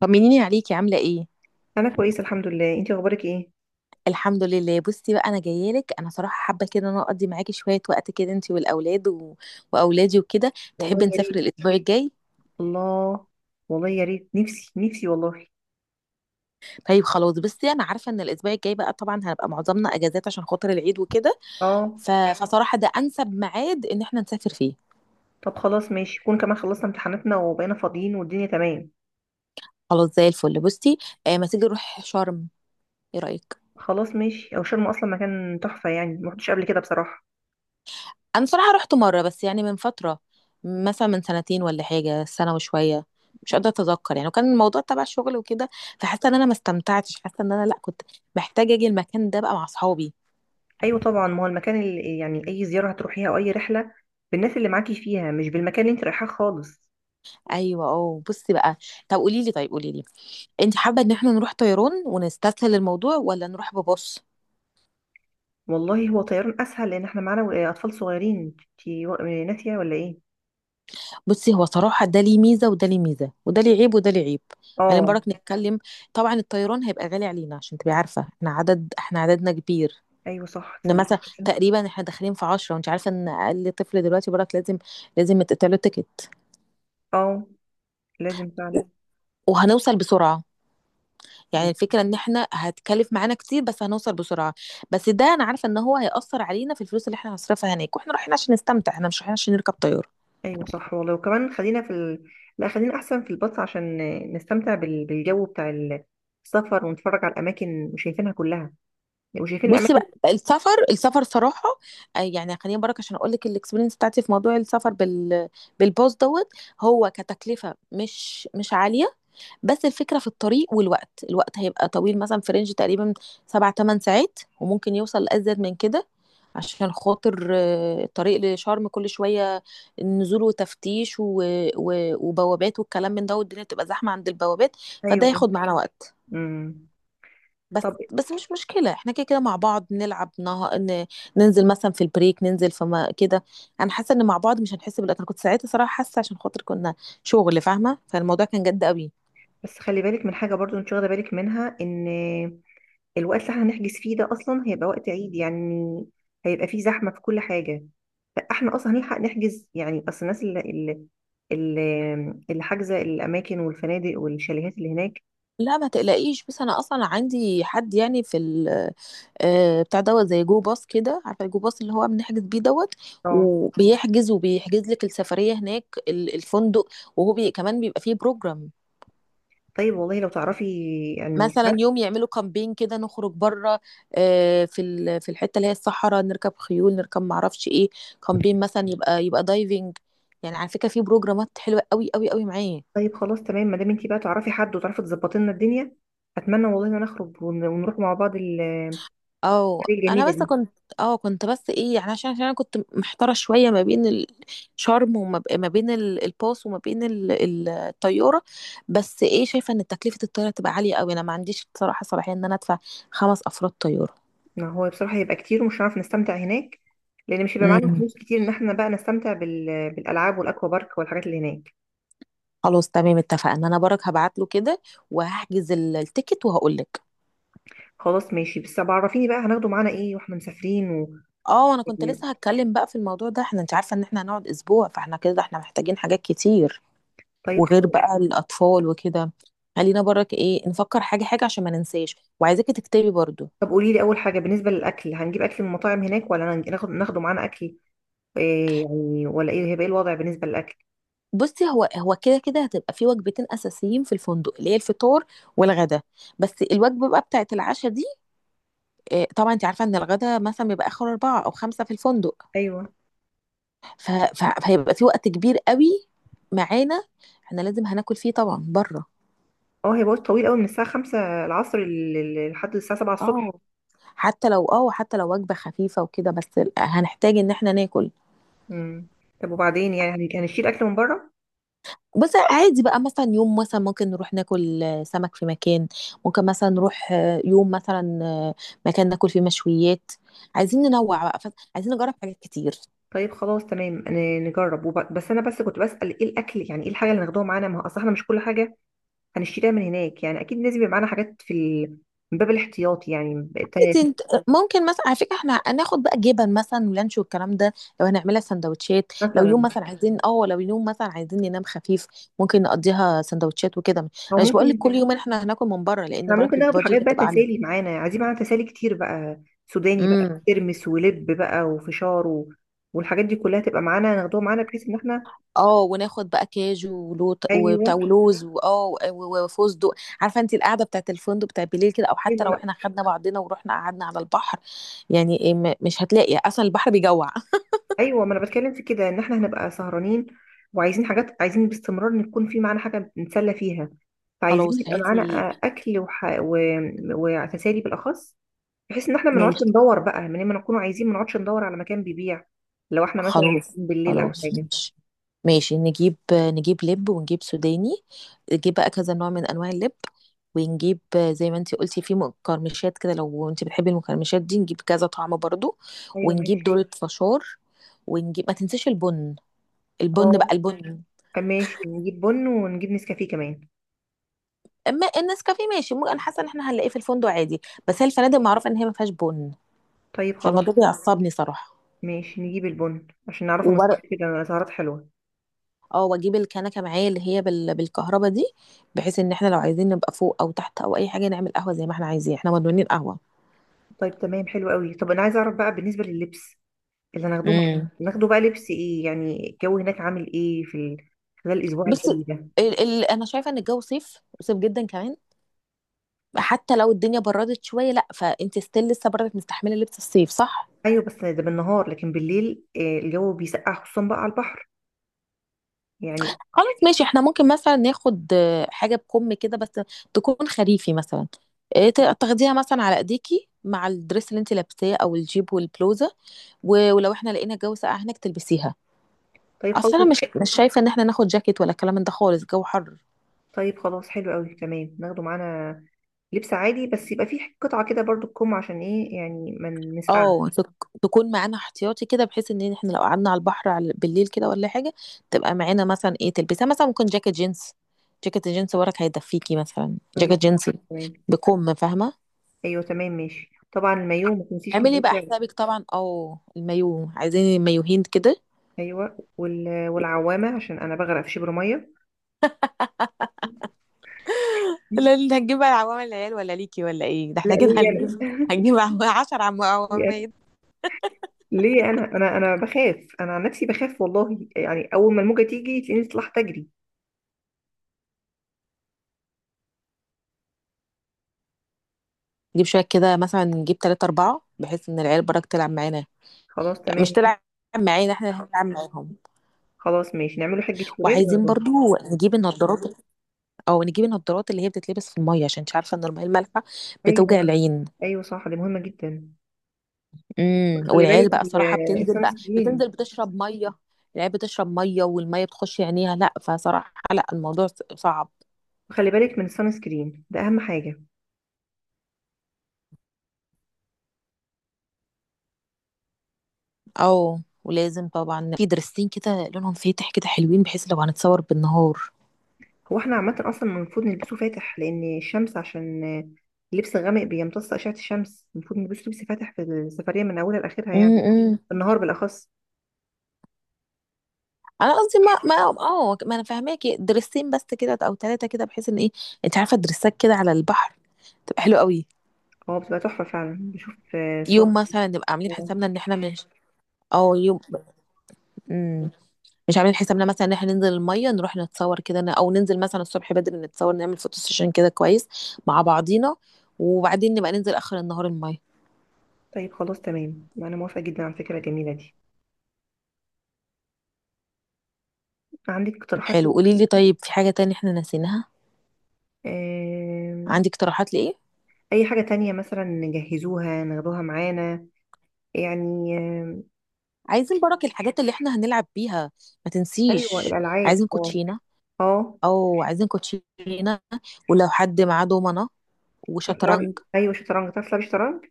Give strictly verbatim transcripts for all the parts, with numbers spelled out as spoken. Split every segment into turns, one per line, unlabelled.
طمنيني عليكي عاملة ايه؟
انا كويسه الحمد لله، انتي اخبارك ايه؟
الحمد لله. بصي بقى، انا جايه لك، انا صراحه حابه كده ان انا اقضي معاكي شويه وقت كده، انت والاولاد و... واولادي وكده.
والله
تحبي
يا
نسافر
ريت.
الاسبوع الجاي؟
الله. والله يا ريت، نفسي نفسي والله.
طيب خلاص، بصي انا عارفه ان الاسبوع الجاي بقى طبعا هنبقى معظمنا اجازات عشان خاطر العيد وكده.
اه.
ف... فصراحه ده انسب ميعاد ان احنا نسافر فيه.
طب خلاص ماشي، يكون كمان خلصنا امتحاناتنا وبقينا فاضيين والدنيا تمام.
خلاص زي الفل. بصي آه ما تيجي نروح شرم، ايه رايك؟
خلاص ماشي، او شرم اصلا مكان تحفه، يعني ما رحتش قبل كده بصراحه.
انا صراحه رحت مره بس، يعني من فتره، مثلا من سنتين ولا حاجه، سنه وشويه، مش قادره اتذكر يعني، وكان الموضوع تبع الشغل وكده. فحاسه ان انا ما استمتعتش، حاسه ان انا لا كنت محتاجه اجي المكان ده بقى مع اصحابي.
ايوه طبعا، ما هو المكان اللي، يعني اي زياره هتروحيها او اي رحله، بالناس اللي معاكي فيها مش بالمكان اللي انت رايحاه خالص.
ايوه اه، بصي بقى. طب قولي لي طيب قولي لي، انت حابه ان احنا نروح طيران ونستسهل الموضوع ولا نروح ببص؟
والله هو طيران اسهل، لان احنا معانا اطفال صغيرين، انتي و- ناسيه ولا ايه؟
بصي، هو صراحه ده ليه ميزه وده ليه ميزه، وده ليه عيب وده ليه عيب. خلينا
اه.
برك نتكلم. طبعا الطيران هيبقى غالي علينا، عشان تبقي عارفه احنا عدد، احنا عددنا كبير،
ايوه صح،
ان
تصدق.
مثلا تقريبا احنا داخلين في عشرة، وانت عارفه ان اقل طفل دلوقتي براك لازم لازم يتقطع له تيكت.
اه. لازم فعلا.
وهنوصل بسرعه، يعني الفكره ان احنا هتكلف معانا كتير بس هنوصل بسرعه. بس ده انا عارفه ان هو هيأثر علينا في الفلوس اللي احنا هنصرفها هناك، واحنا رايحين عشان نستمتع، احنا مش رايحين عشان نركب طياره.
ايوه صح والله، وكمان خلينا في ال... لا خلينا احسن في الباص عشان نستمتع بال... بالجو بتاع ال- السفر، ونتفرج على الاماكن وشايفينها كلها وشايفين
بصي
الاماكن.
بقى، السفر السفر صراحه، آه، يعني خليني برك عشان اقول لك الاكسبيرينس بتاعتي في موضوع السفر بال بالباص دوت. هو كتكلفه مش مش عاليه، بس الفكرة في الطريق، والوقت، الوقت هيبقى طويل، مثلا في رينج تقريبا سبع تمن ساعات، وممكن يوصل لأزيد من كده. عشان خاطر آه، الطريق لشرم كل شوية نزول وتفتيش و... و... وبوابات والكلام من ده، والدنيا تبقى زحمة عند البوابات، فده
ايوه.
هياخد معانا وقت.
امم
بس
طب
بس مش مشكلة، احنا كده كده مع بعض نلعب، نه... ن... ننزل مثلا في البريك، ننزل في ما... كده. انا حاسة ان مع بعض مش هنحس بالوقت. انا كنت ساعتها صراحة حاسة، عشان خاطر كنا شغل فاهمة، فالموضوع كان جد قوي.
بس خلي بالك من حاجه برضو، انت واخده بالك منها ان الوقت اللي احنا هنحجز فيه ده اصلا هيبقى وقت عيد، يعني هيبقى فيه زحمه في كل حاجه، فاحنا اصلا هنلحق نحجز، يعني اصل الناس اللي اللي اللي اللي حاجزه الاماكن والفنادق والشاليهات اللي هناك.
لا ما تقلقيش، بس انا اصلا عندي حد يعني في ال آه، بتاع دوت، زي جو باص كده، عارفه الجو باص اللي هو بنحجز بيه دوت،
اه.
وبيحجز وبيحجز لك السفريه هناك ال- الفندق، وهو بي كمان بيبقى فيه بروجرام.
طيب والله لو تعرفي يعني
مثلا
حد.
يوم يعملوا كامبين كده، نخرج بره آه، في ال- في الحته اللي هي الصحراء، نركب خيول، نركب معرفش ايه. كامبين مثلا، يبقى يبقى دايفنج. يعني على فكره في بروجرامات حلوه قوي قوي قوي معاه.
طيب خلاص تمام، ما دام انتي بقى تعرفي حد وتعرفي تظبطي لنا الدنيا. اتمنى والله ان نخرج ون- ونروح مع بعض الحاجه
او انا
الجميله
بس
دي.
كنت، اه كنت بس ايه يعني، عشان عشان انا كنت محتاره شويه ما بين الشرم، وما ب- ما بين ال- الباص، وما بين ال- ال- الطياره. بس ايه، شايفه ان تكلفه الطياره تبقى عاليه قوي، انا ما عنديش بصراحه صلاحيه ان انا ادفع خمس افراد طياره.
ما هو بصراحه هيبقى كتير ومش هنعرف نستمتع هناك، لان مش هيبقى معانا
امم
فلوس كتير ان احنا بقى نستمتع بال... بالالعاب والاكوا بارك والحاجات اللي هناك.
خلاص تمام اتفقنا، انا برك هبعت له كده وهحجز ال- التيكت وهقول لك.
خلاص ماشي، بس طب عرفيني بقى هناخده معانا ايه واحنا مسافرين و...
اه انا كنت لسه هتكلم بقى في الموضوع ده. احنا انت عارفه ان احنا هنقعد اسبوع، فاحنا كده احنا محتاجين حاجات كتير،
طيب
وغير
خلاص.
بقى الأطفال وكده. خلينا برك ايه نفكر حاجة حاجة عشان ما ننساش، وعايزاكي تكتبي برضو.
طب قولي لي، اول حاجه بالنسبه للاكل، هنجيب اكل من مطاعم هناك ولا هنج- ناخد ناخده معانا اكل؟ إيه يعني، ولا ايه هيبقى، ايه الوضع بالنسبه للاكل؟
بصي، هو هو كده كده هتبقى في وجبتين أساسيين في الفندق، اللي هي الفطار والغدا. بس الوجبة بقى بتاعت العشاء دي، إيه، طبعا انت عارفة ان الغدا مثلا بيبقى آخر أربعة أو خمسة في الفندق،
ايوه.
ف- ف- فهيبقى في وقت كبير قوي معانا احنا لازم هناكل فيه طبعا بره.
اه، هي وقت طويل قوي، من الساعة خمسة العصر لل- لل- لحد الساعة سبعة الصبح.
اه حتى لو اه حتى لو وجبة خفيفة وكده، بس هنحتاج ان احنا ناكل.
مم. طب وبعدين، يعني هن- يعني هنشيل أكل من بره؟
بس عادي بقى، مثلا يوم مثلا ممكن نروح ناكل آه، سمك في مكان، ممكن مثلا نروح آه، يوم مثلا آه، مكان ناكل فيه مشويات. عايزين ننوع بقى، ف- عايزين نجرب حاجات كتير.
طيب خلاص تمام، أنا نجرب وب... بس أنا بس كنت بسأل إيه الأكل، يعني إيه الحاجة اللي هناخدوها معانا، ما هو أصل إحنا مش كل حاجة هنشتريها من هناك، يعني أكيد لازم يبقى معانا حاجات في ال... من باب الاحتياط، يعني ب- ت-
عايزين- ممكن مثلا على فكره احنا هناخد بقى جبن مثلا ولانش والكلام ده، لو هنعملها سندوتشات، لو يوم
مثلا
مثلا عايزين اه، لو يوم مثلا عايزين ننام خفيف ممكن نقضيها سندوتشات وكده. انا
أو
مش بقول لك
ممكن
كل يوم احنا هناكل من بره، لان
إحنا ممكن
برك
ناخد
البادجت
حاجات بقى
هتبقى
تسالي
عاليه.
معانا. عايزين معانا تسالي كتير بقى، سوداني بقى،
امم.
ترمس ولب بقى، وفشار و... والحاجات دي كلها تبقى معانا، ناخدوها معانا بحيث إن إحنا.
اه وناخد بقى كاجو ولوط وبتاع
أيوه،
ولوز واه و- وفستق عارفه انت القعده بتاعت الفندق بتاع بالليل كده، او حتى لو احنا خدنا بعضنا ورحنا قعدنا على البحر، يعني إيه، م- مش هتلاقي اصلا البحر بيجوع
ايوه، ما انا بتكلم في كده، ان احنا هنبقى سهرانين وعايزين حاجات، عايزين باستمرار ان يكون في معانا حاجه نتسلى فيها، فعايزين
خلاص
يبقى
هاتي.
معانا آه، اكل وح... و... وتسالي بالاخص، بحيث ان احنا ما نقعدش
ماشي
ندور بقى من لما نكون عايزين، ما نقعدش ندور على مكان بيبيع، لو احنا مثلا
خلاص.
بالليل او
خلاص
حاجه.
ماشي ماشي نجيب نجيب لب ونجيب سوداني، نجيب بقى كذا نوع من انواع اللب، ونجيب زي ما انتي قلتي في مقرمشات كده، لو انتي بتحبي المقرمشات دي نجيب كذا طعم برضو.
ايوه
ونجيب
ماشي.
دولة فشار، ونجيب ما تنسيش البن. البن بقى
اه.
البن
آه، ماشي، نجيب بن ونجيب نسكافيه كمان.
اما النسكافيه ماشي، ممكن انا حاسه ان احنا هنلاقيه في الفندق عادي، بس هي الفنادق معروفه ان هي ما فيهاش بن،
طيب خلاص
فالموضوع ده بيعصبني صراحه.
ماشي، نجيب البن عشان نعرفه نسهر كده سهرات حلوه.
اه واجيب الكنكه معايا اللي هي بال... بالكهرباء دي، بحيث ان احنا لو عايزين نبقى فوق او تحت او اي حاجه نعمل قهوه زي ما احنا عايزين، احنا مدمنين قهوه.
طيب تمام، حلو قوي. طب انا عايزه اعرف بقى بالنسبه لللبس اللي هناخدوه مع-
امم
ناخده بقى لبس ايه، يعني الجو هناك عامل ايه في ال... خلال الاسبوع
بس
الجاي ده؟
ال... ال... انا شايفه ان الجو صيف، صيف جدا كمان، حتى لو الدنيا بردت شويه، لا فانت ستيل لسه برضك مستحمله لبس الصيف، صح.
ايوه، بس ده بالنهار، لكن بالليل آه، الجو بيسقع خصوصا بقى على البحر يعني.
خلاص ماشي، احنا ممكن مثلا ناخد آه، حاجه بكم كده بس تكون خريفي مثلا، آه، ت- تاخديها مثلا على ايديكي مع الدريس اللي انت لابساه او الجيب والبلوزه، و- ولو احنا لقينا الجو ساقع هناك تلبسيها.
طيب خلاص.
اصل انا مش مش شايفه ان احنا ناخد جاكيت ولا الكلام ده خالص، الجو حر.
طيب خلاص، حلو قوي تمام، ناخده معانا لبس عادي بس يبقى فيه قطعة كده برضو تكم، عشان ايه يعني ما نسقعش.
اه تك- تكون معانا احتياطي كده، بحيث ان احنا لو قعدنا على البحر على بالليل كده ولا حاجه تبقى معانا، مثلا ايه تلبسها، مثلا ممكن جاكيت جينز. جاكيت الجينز وراك هيدفيكي، مثلا
طيب
جاكيت
خلاص،
جينز
تمام.
بكم، فاهمه.
ايوه تمام ماشي، طبعا المايوه ما تنسيش
اعملي بقى
العزة.
حسابك طبعا، او المايو، عايزين مايوهين كده.
ايوه، وال... والعوامة عشان انا بغرق في شبر ميه.
لا، اللي هتجيب بقى عوامل العيال ولا ليكي ولا ايه؟ ده
لا،
احنا كده
ليه يعني؟
هنجيب، هنجيب عم- عشر عم- عوامل.
ليه، انا انا انا بخاف، انا عن نفسي بخاف والله، يعني اول ما الموجه تيجي تلاقيني طلعت اجري.
نجيب شويه كده، مثلا نجيب تلاتة أربعة، بحيث ان العيال برك تلعب معانا.
خلاص
يعني مش
تمام.
تلعب معانا، احنا اللي هنلعب معاهم.
خلاص ماشي، نعمله حجه ولاد
وعايزين
ونروح.
برضو نجيب النضارات، او نجيب النضارات اللي هي بتتلبس في الميه، عشان انت عارفه ان الميه المالحه بتوجع
ايوه.
العين.
ايوه صح، دي مهمه جدا.
امم
وخلي
والعيال
بالك
بقى صراحه
ال-
بتنزل
السان
بقى
سكرين.
بتنزل بتشرب ميه. العيال بتشرب ميه والميه بتخش عينيها، لا فصراحه لا الموضوع ص- صعب.
وخلي بالك من السان سكرين، ده اهم حاجه.
او ولازم طبعا في درستين كده لونهم فاتح كده حلوين، بحيث لو هنتصور بالنهار.
هو احنا عامه اصلا المفروض نلبسه فاتح، لان الشمس، عشان اللبس الغامق بيمتص اشعه الشمس، المفروض نلبسه لبس فاتح في السفريه من اولها لاخرها يعني،
امم امم.
النهار بالاخص.
انا قصدي ما ما اه ما انا فاهماكي، درستين بس كده او ثلاثه كده، بحيث ان ايه، انت عارفه درسات كده على البحر تبقى حلوه قوي.
هو بتبقى تحفه فعلا، بشوف آه، صور.
يوم مثلا نبقى عاملين حسابنا ان احنا مش، او يوم، مم. مش عاملين حسابنا مثلا ان احنا ننزل الميه، نروح نتصور كده ن- او ننزل مثلا الصبح بدري نتصور، نعمل فوتو سيشن كده كويس مع بعضينا، وبعدين نبقى ننزل اخر النهار الميه.
طيب خلاص تمام، انا موافقة جدا على الفكرة الجميلة دي. عندك
طيب
اقتراحات لي؟
حلو، قولي لي طيب في حاجه تانية احنا ناسينها؟
آم،
عندك اقتراحات لايه؟
اي حاجة تانية مثلا نجهزوها ناخدوها معانا يعني آم،
عايزين برك الحاجات اللي احنا هنلعب بيها، ما
ايوه،
تنسيش.
الالعاب،
عايزين
اه.
كوتشينه،
اه.
او عايزين كوتشينه ولو حد معاه دومنه
تعرفي تلعبي،
وشطرنج.
ايوه شطرنج، تعرفي تلعبي شطرنج؟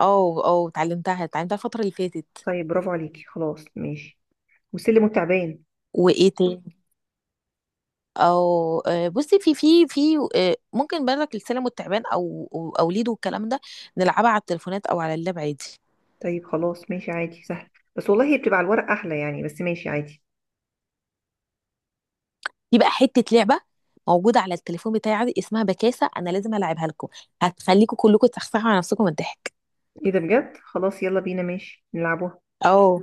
او او اتعلمتها، اتعلمتها الفتره اللي فاتت.
طيب برافو عليكي، خلاص ماشي. والسلم والتعبان.
وايه تاني؟ او آه، بصي في في في آه، ممكن بالك السلم والتعبان او او أو ليدو والكلام ده، نلعبها على التليفونات او على اللاب عادي.
طيب خلاص ماشي، عادي سهل. بس والله هي بتبقى على الورق احلى يعني، بس ماشي عادي.
في بقى حته لعبه موجوده على التليفون بتاعي عادي، اسمها بكاسه، انا لازم العبها لكم، هتخليكم كلكم تسخسخوا على نفسكم من الضحك.
ايه ده بجد، خلاص يلا بينا ماشي نلعبوها.
اه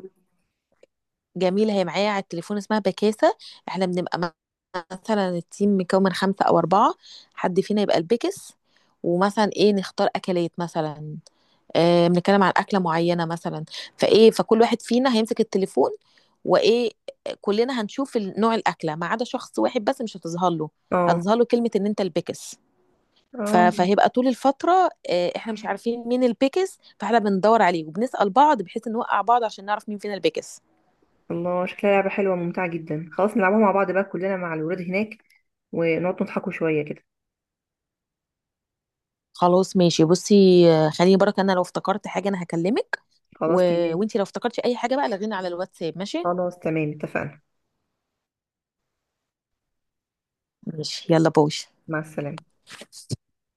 جميلة، هي معايا على التليفون اسمها بكاسة. احنا بنبقى م- مثلا التيم مكون من خمسة أو أربعة، حد فينا يبقى البكس، ومثلا ايه نختار أكلات مثلا، اه بنتكلم عن أكلة معينة مثلا، فايه فكل واحد فينا هيمسك التليفون، وايه، كلنا هنشوف ال- نوع الأكلة ما عدا شخص واحد بس مش هتظهر له،
اه.
هتظهر له كلمة إن أنت البكس. ف-
اه.
فهيبقى طول الفترة اه احنا مش عارفين مين البيكس، فاحنا بندور عليه وبنسأل بعض بحيث نوقع بعض عشان نعرف مين فينا البيكس.
الله، شكلها لعبة حلوة وممتعة جدا، خلاص نلعبها مع بعض بقى كلنا مع الولاد هناك، ونقعد نضحكوا شوية كده.
خلاص ماشي، بصي آه، خليني برك انا لو افتكرت حاجه انا هكلمك، و...
خلاص تمام.
وانتي لو افتكرتي اي حاجه بقى لغينا على الواتساب، ماشي؟
خلاص تمام، اتفقنا.
ماشي يلا باي.
مع السلامة.